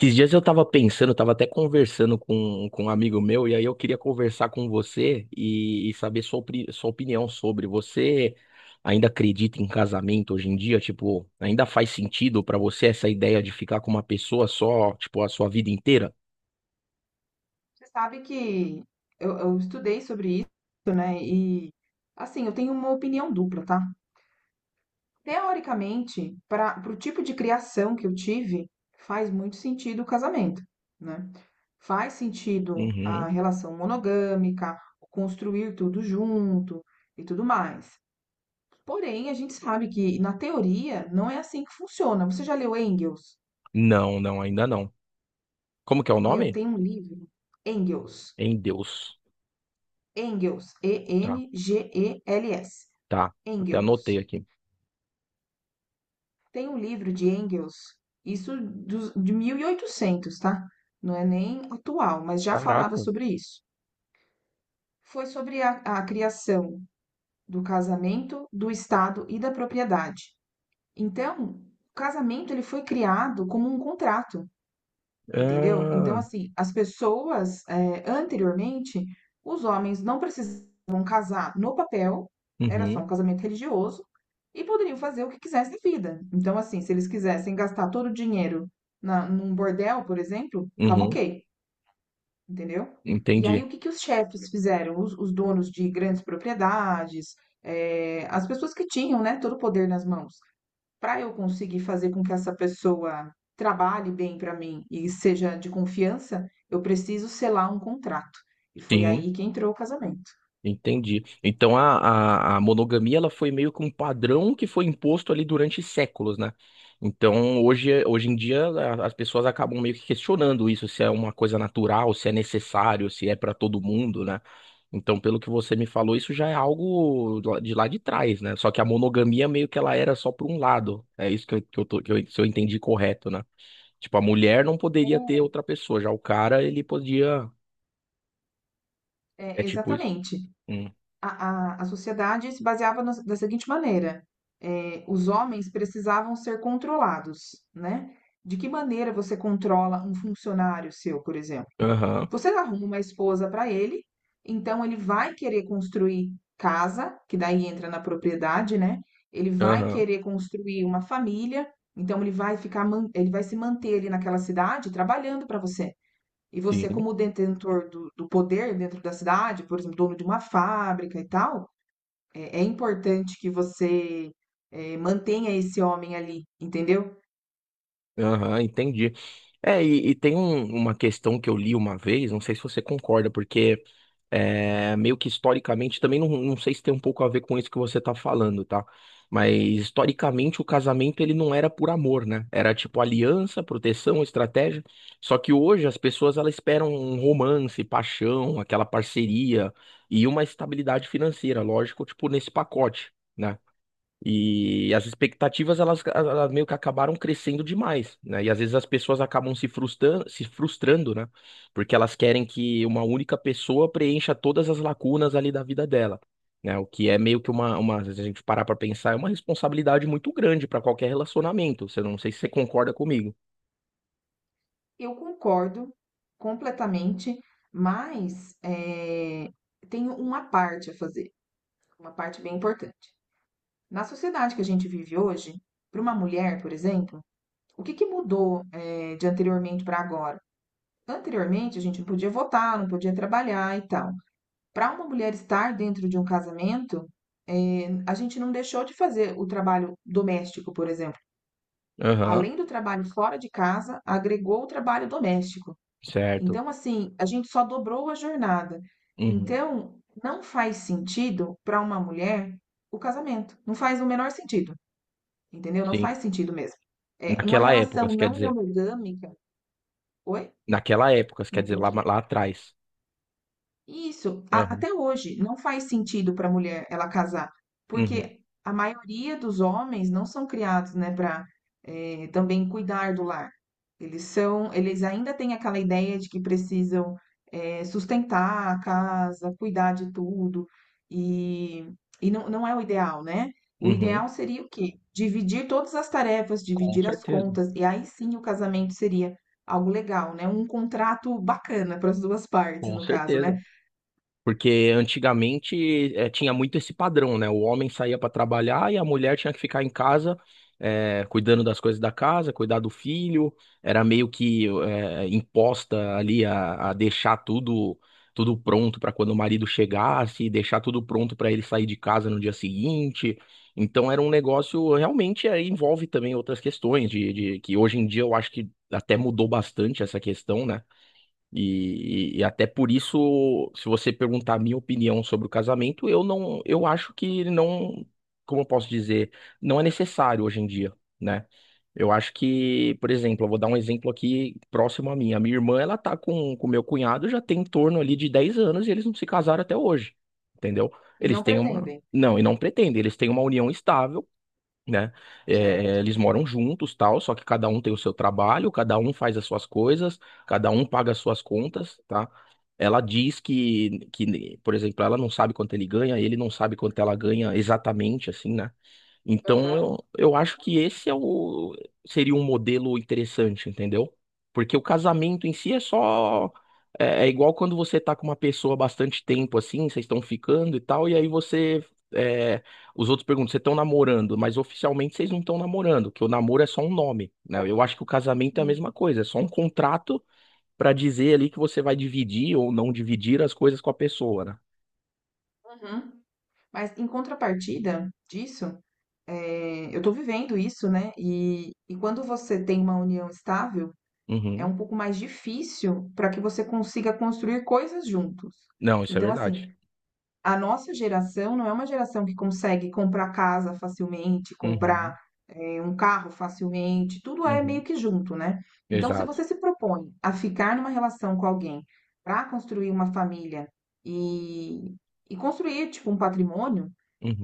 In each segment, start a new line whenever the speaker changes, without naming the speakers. Esses dias eu tava pensando, eu tava até conversando com um amigo meu, e aí eu queria conversar com você e saber sua opinião sobre. Você ainda acredita em casamento hoje em dia? Tipo, ainda faz sentido pra você essa ideia de ficar com uma pessoa só, tipo, a sua vida inteira?
Você sabe que eu estudei sobre isso, né? E assim, eu tenho uma opinião dupla, tá? Teoricamente, para o tipo de criação que eu tive, faz muito sentido o casamento, né? Faz sentido
Uhum.
a relação monogâmica, construir tudo junto e tudo mais. Porém, a gente sabe que na teoria não é assim que funciona. Você já leu Engels?
Não, não, ainda não. Como que é o
Meu,
nome?
tem um livro, Engels,
Em Deus.
Engels,
Tá,
ENGELS.
tá. Até anotei
Engels.
aqui.
Tem um livro de Engels, de 1800, tá? Não é nem atual, mas já falava
Caraca.
sobre isso. Foi sobre a criação do casamento, do Estado e da propriedade. Então, o casamento ele foi criado como um contrato. Entendeu? Então,
Ah,
assim, as pessoas, anteriormente, os homens não precisavam casar no papel, era só um
uhum,
casamento religioso, e poderiam fazer o que quisessem da vida. Então, assim, se eles quisessem gastar todo o dinheiro num bordel, por exemplo, tava
uhum,
ok, entendeu? E aí,
entendi.
o que que os chefes fizeram? Os donos de grandes propriedades, as pessoas que tinham, né, todo o poder nas mãos. Para eu conseguir fazer com que essa pessoa trabalhe bem para mim e seja de confiança, eu preciso selar um contrato. E foi
Sim.
aí que entrou o casamento.
Entendi. Então a monogamia ela foi meio que um padrão que foi imposto ali durante séculos, né? Então hoje em dia as pessoas acabam meio que questionando isso, se é uma coisa natural, se é necessário, se é para todo mundo, né? Então, pelo que você me falou, isso já é algo de lá de trás, né? Só que a monogamia meio que ela era só por um lado. É isso, que eu tô- que eu- se eu entendi correto, né? Tipo, a mulher não poderia ter outra pessoa, já o cara ele podia.
É,
É
é,
tipo isso.
exatamente.
Hum.
A sociedade se baseava da seguinte maneira: é, os homens precisavam ser controlados, né? De que maneira você controla um funcionário seu, por exemplo?
Aham,
Você arruma uma esposa para ele, então ele vai querer construir casa, que daí entra na propriedade, né? Ele vai
aham.
querer construir uma família, então ele vai ficar, ele vai se manter ali naquela cidade trabalhando para você. E você,
Sim.
como detentor do poder dentro da cidade, por exemplo, dono de uma fábrica e tal, é, é importante que você mantenha esse homem ali, entendeu?
Aham, entendi. É, e tem uma questão que eu li uma vez, não sei se você concorda, porque é, meio que historicamente, também não, não sei se tem um pouco a ver com isso que você tá falando, tá? Mas historicamente o casamento ele não era por amor, né? Era tipo aliança, proteção, estratégia. Só que hoje as pessoas elas esperam um romance, paixão, aquela parceria e uma estabilidade financeira, lógico, tipo nesse pacote. Né? E as expectativas, elas meio que acabaram crescendo demais, né? E às vezes as pessoas acabam se frustrando, se frustrando, né? Porque elas querem que uma única pessoa preencha todas as lacunas ali da vida dela, né? O que é meio que se a gente parar pra pensar, é uma responsabilidade muito grande pra qualquer relacionamento. Você Não sei se você concorda comigo.
Eu concordo completamente, mas tenho uma parte a fazer, uma parte bem importante. Na sociedade que a gente vive hoje, para uma mulher, por exemplo, o que que mudou de anteriormente para agora? Anteriormente, a gente não podia votar, não podia trabalhar e tal. Para uma mulher estar dentro de um casamento, a gente não deixou de fazer o trabalho doméstico, por exemplo.
Aham,
Além do trabalho fora de casa, agregou o trabalho doméstico.
certo.
Então, assim, a gente só dobrou a jornada.
Uhum,
Então, não faz sentido para uma mulher o casamento. Não faz o menor sentido, entendeu? Não
sim.
faz sentido mesmo. É uma
Naquela época,
relação
você quer
não
dizer.
monogâmica. Oi?
Naquela época, você
Não
quer dizer, lá,
entendi.
lá atrás.
Isso,
Aham,
até hoje não faz sentido para a mulher ela casar,
uhum,
porque a maioria dos homens não são criados, né, para também cuidar do lar. Eles são, eles ainda têm aquela ideia de que precisam sustentar a casa, cuidar de tudo, e, e não, não é o ideal, né? O
uhum.
ideal seria o quê? Dividir todas as tarefas,
Com
dividir as
certeza,
contas, e aí sim o casamento seria algo legal, né? Um contrato bacana para as duas partes,
com
no caso,
certeza.
né?
Porque antigamente tinha muito esse padrão, né? O homem saía para trabalhar e a mulher tinha que ficar em casa, cuidando das coisas da casa, cuidar do filho. Era meio que imposta ali a deixar tudo pronto para quando o marido chegasse, deixar tudo pronto para ele sair de casa no dia seguinte. Então era um negócio realmente envolve também outras questões de que hoje em dia eu acho que até mudou bastante essa questão, né? E até por isso, se você perguntar a minha opinião sobre o casamento, eu não, eu acho que não, como eu posso dizer, não é necessário hoje em dia, né? Eu acho que, por exemplo, eu vou dar um exemplo aqui próximo a mim. A minha irmã, ela tá com meu cunhado já tem em torno ali de 10 anos e eles não se casaram até hoje, entendeu?
E
Eles
não
têm uma,
pretendem,
não, e não pretendem, eles têm uma união estável, né? É, é,
certo?
eles moram juntos, tal, só que cada um tem o seu trabalho, cada um faz as suas coisas, cada um paga as suas contas, tá? Ela diz que, por exemplo, ela não sabe quanto ele ganha, ele não sabe quanto ela ganha exatamente, assim, né? Então
Aham,
eu acho que esse seria um modelo interessante, entendeu? Porque o casamento em si é só. É, é igual quando você tá com uma pessoa bastante tempo assim, vocês estão ficando e tal, e aí você. É, os outros perguntam, vocês estão namorando, mas oficialmente vocês não estão namorando, que o namoro é só um nome, né?
é.
Eu acho que o casamento é a
Sim.
mesma coisa, é só um contrato pra dizer ali que você vai dividir ou não dividir as coisas com a pessoa, né?
Uhum. Mas em contrapartida disso, eu estou vivendo isso, né? E quando você tem uma união estável, é
Uhum.
um pouco mais difícil para que você consiga construir coisas juntos.
Não, isso é
Então, assim,
verdade.
a nossa geração não é uma geração que consegue comprar casa facilmente,
Uhum.
comprar, um carro facilmente, tudo é
Uhum.
meio que junto, né. Então se
Exato.
você se propõe a ficar numa relação com alguém para construir uma família e e construir, tipo, um patrimônio,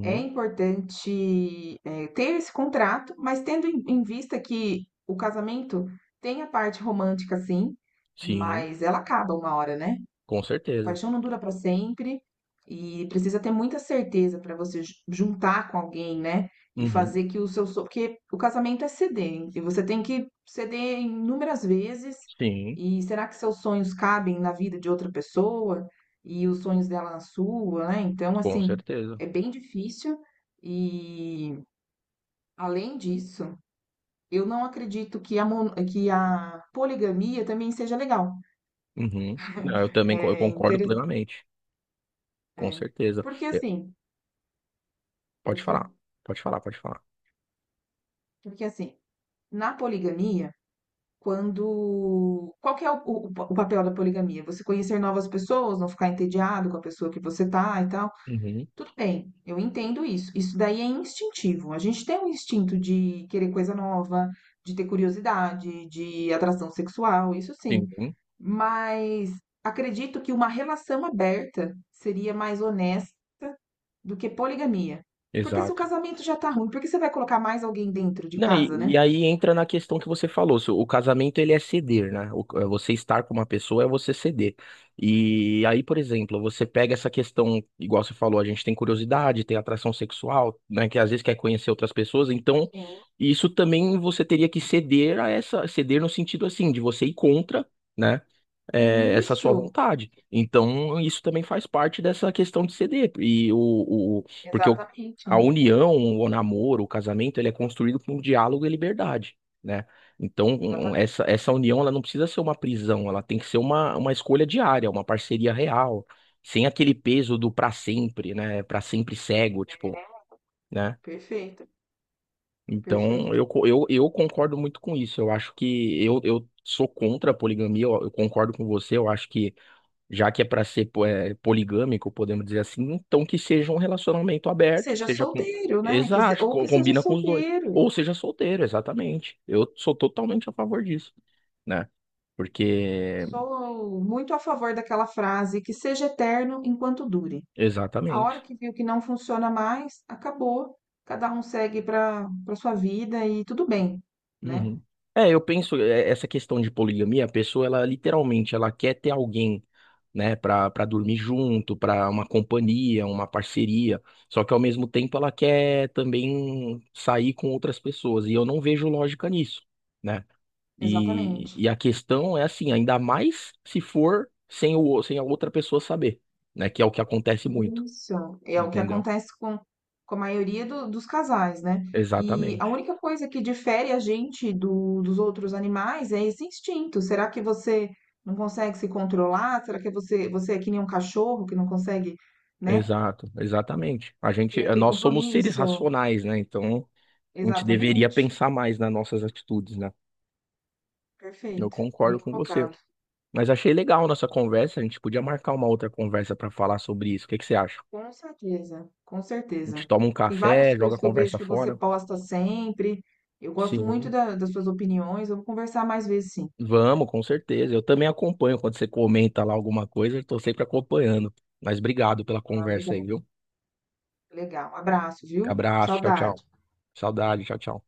é importante, ter esse contrato, mas tendo em vista que o casamento tem a parte romântica sim,
Sim,
mas ela acaba uma hora, né.
com certeza.
Paixão não dura para sempre e precisa ter muita certeza para você juntar com alguém, né? E
Uhum.
fazer que o seu. Porque o casamento é ceder, e você tem que ceder inúmeras vezes.
Sim,
E será que seus sonhos cabem na vida de outra pessoa e os sonhos dela na sua, né? Então,
com
assim,
certeza.
é bem difícil. E além disso, eu não acredito que que a poligamia também seja legal.
Uhum. Não, eu também co- eu
É
concordo
interessante.
plenamente. Com
É.
certeza.
Porque
É,
assim,
pode
pode
falar.
falar.
Pode falar, pode falar.
Porque assim, na poligamia, quando. Qual que é o, o papel da poligamia? Você conhecer novas pessoas, não ficar entediado com a pessoa que você tá e tal.
Uhum.
Tudo bem, eu entendo isso. Isso daí é instintivo. A gente tem um instinto de querer coisa nova, de ter curiosidade, de atração sexual, isso sim.
Sim,
Mas acredito que uma relação aberta seria mais honesta do que poligamia. Porque se o
exato.
casamento já tá ruim, por que você vai colocar mais alguém dentro de
Não,
casa,
e,
né?
e aí entra na questão que você falou, se o casamento ele é ceder, né? É você estar com uma pessoa é você ceder. E aí, por exemplo, você pega essa questão, igual você falou, a gente tem curiosidade, tem atração sexual, né? Que às vezes quer conhecer outras pessoas, então
Sim.
isso também você teria que ceder a essa, ceder no sentido assim, de você ir contra, né? É, essa
Isso,
sua vontade. Então, isso também faz parte dessa questão de ceder. E porque o-
exatamente,
a união, o namoro, o casamento, ele é construído com diálogo e liberdade, né? Então,
exatamente.
essa união, ela não precisa ser uma prisão, ela tem que ser uma, escolha diária, uma parceria real, sem aquele peso do pra sempre, né? Pra sempre cego,
É.
tipo, né?
Perfeito,
Então,
perfeito.
eu concordo muito com isso. Eu acho que eu sou contra a poligamia, eu concordo com você, eu acho que já que é para ser poligâmico, podemos dizer assim, então que seja um relacionamento
Que
aberto, que
seja
seja com.
solteiro, né? Que se-
Exato,
Ou que seja
combina com os dois. Ou
solteiro.
seja solteiro, exatamente. Eu sou totalmente a favor disso, né? Porque.
Sou muito a favor daquela frase, que seja eterno enquanto dure. A hora
Exatamente.
que viu que não funciona mais, acabou. Cada um segue para para sua vida e tudo bem, né?
Uhum. É, eu penso, é, essa questão de poligamia, a pessoa, ela literalmente, ela quer ter alguém. Né, para dormir junto, para uma companhia, uma parceria. Só que ao mesmo tempo ela quer também sair com outras pessoas e eu não vejo lógica nisso, né? E,
Exatamente.
e a questão é assim, ainda mais se for sem a outra pessoa saber, né, que é o que acontece muito,
Isso, é o que
entendeu?
acontece com a maioria dos casais, né? E a
Exatamente.
única coisa que difere a gente dos outros animais é esse instinto. Será que você não consegue se controlar? Será que você, você é que nem um cachorro que não consegue, né,
Exato, exatamente. A gente,
ter aquele
nós somos seres
compromisso?
racionais, né? Então, a gente deveria
Exatamente.
pensar mais nas nossas atitudes, né? Eu
Perfeito. Bem
concordo com você.
colocado.
Mas achei legal a nossa conversa. A gente podia marcar uma outra conversa para falar sobre isso. O que que você acha?
Com certeza, com
A gente
certeza.
toma um
Tem
café,
várias
joga a
coisas que eu
conversa
vejo que você
fora.
posta sempre. Eu gosto muito
Sim,
das suas opiniões. Vamos conversar mais vezes, sim.
vamos, com certeza. Eu também acompanho quando você comenta lá alguma coisa, eu tô sempre acompanhando. Mas obrigado pela
Ah,
conversa aí,
legal.
viu?
Legal. Um abraço, viu?
Abraço, tchau, tchau.
Saudade.
Saudade, tchau, tchau.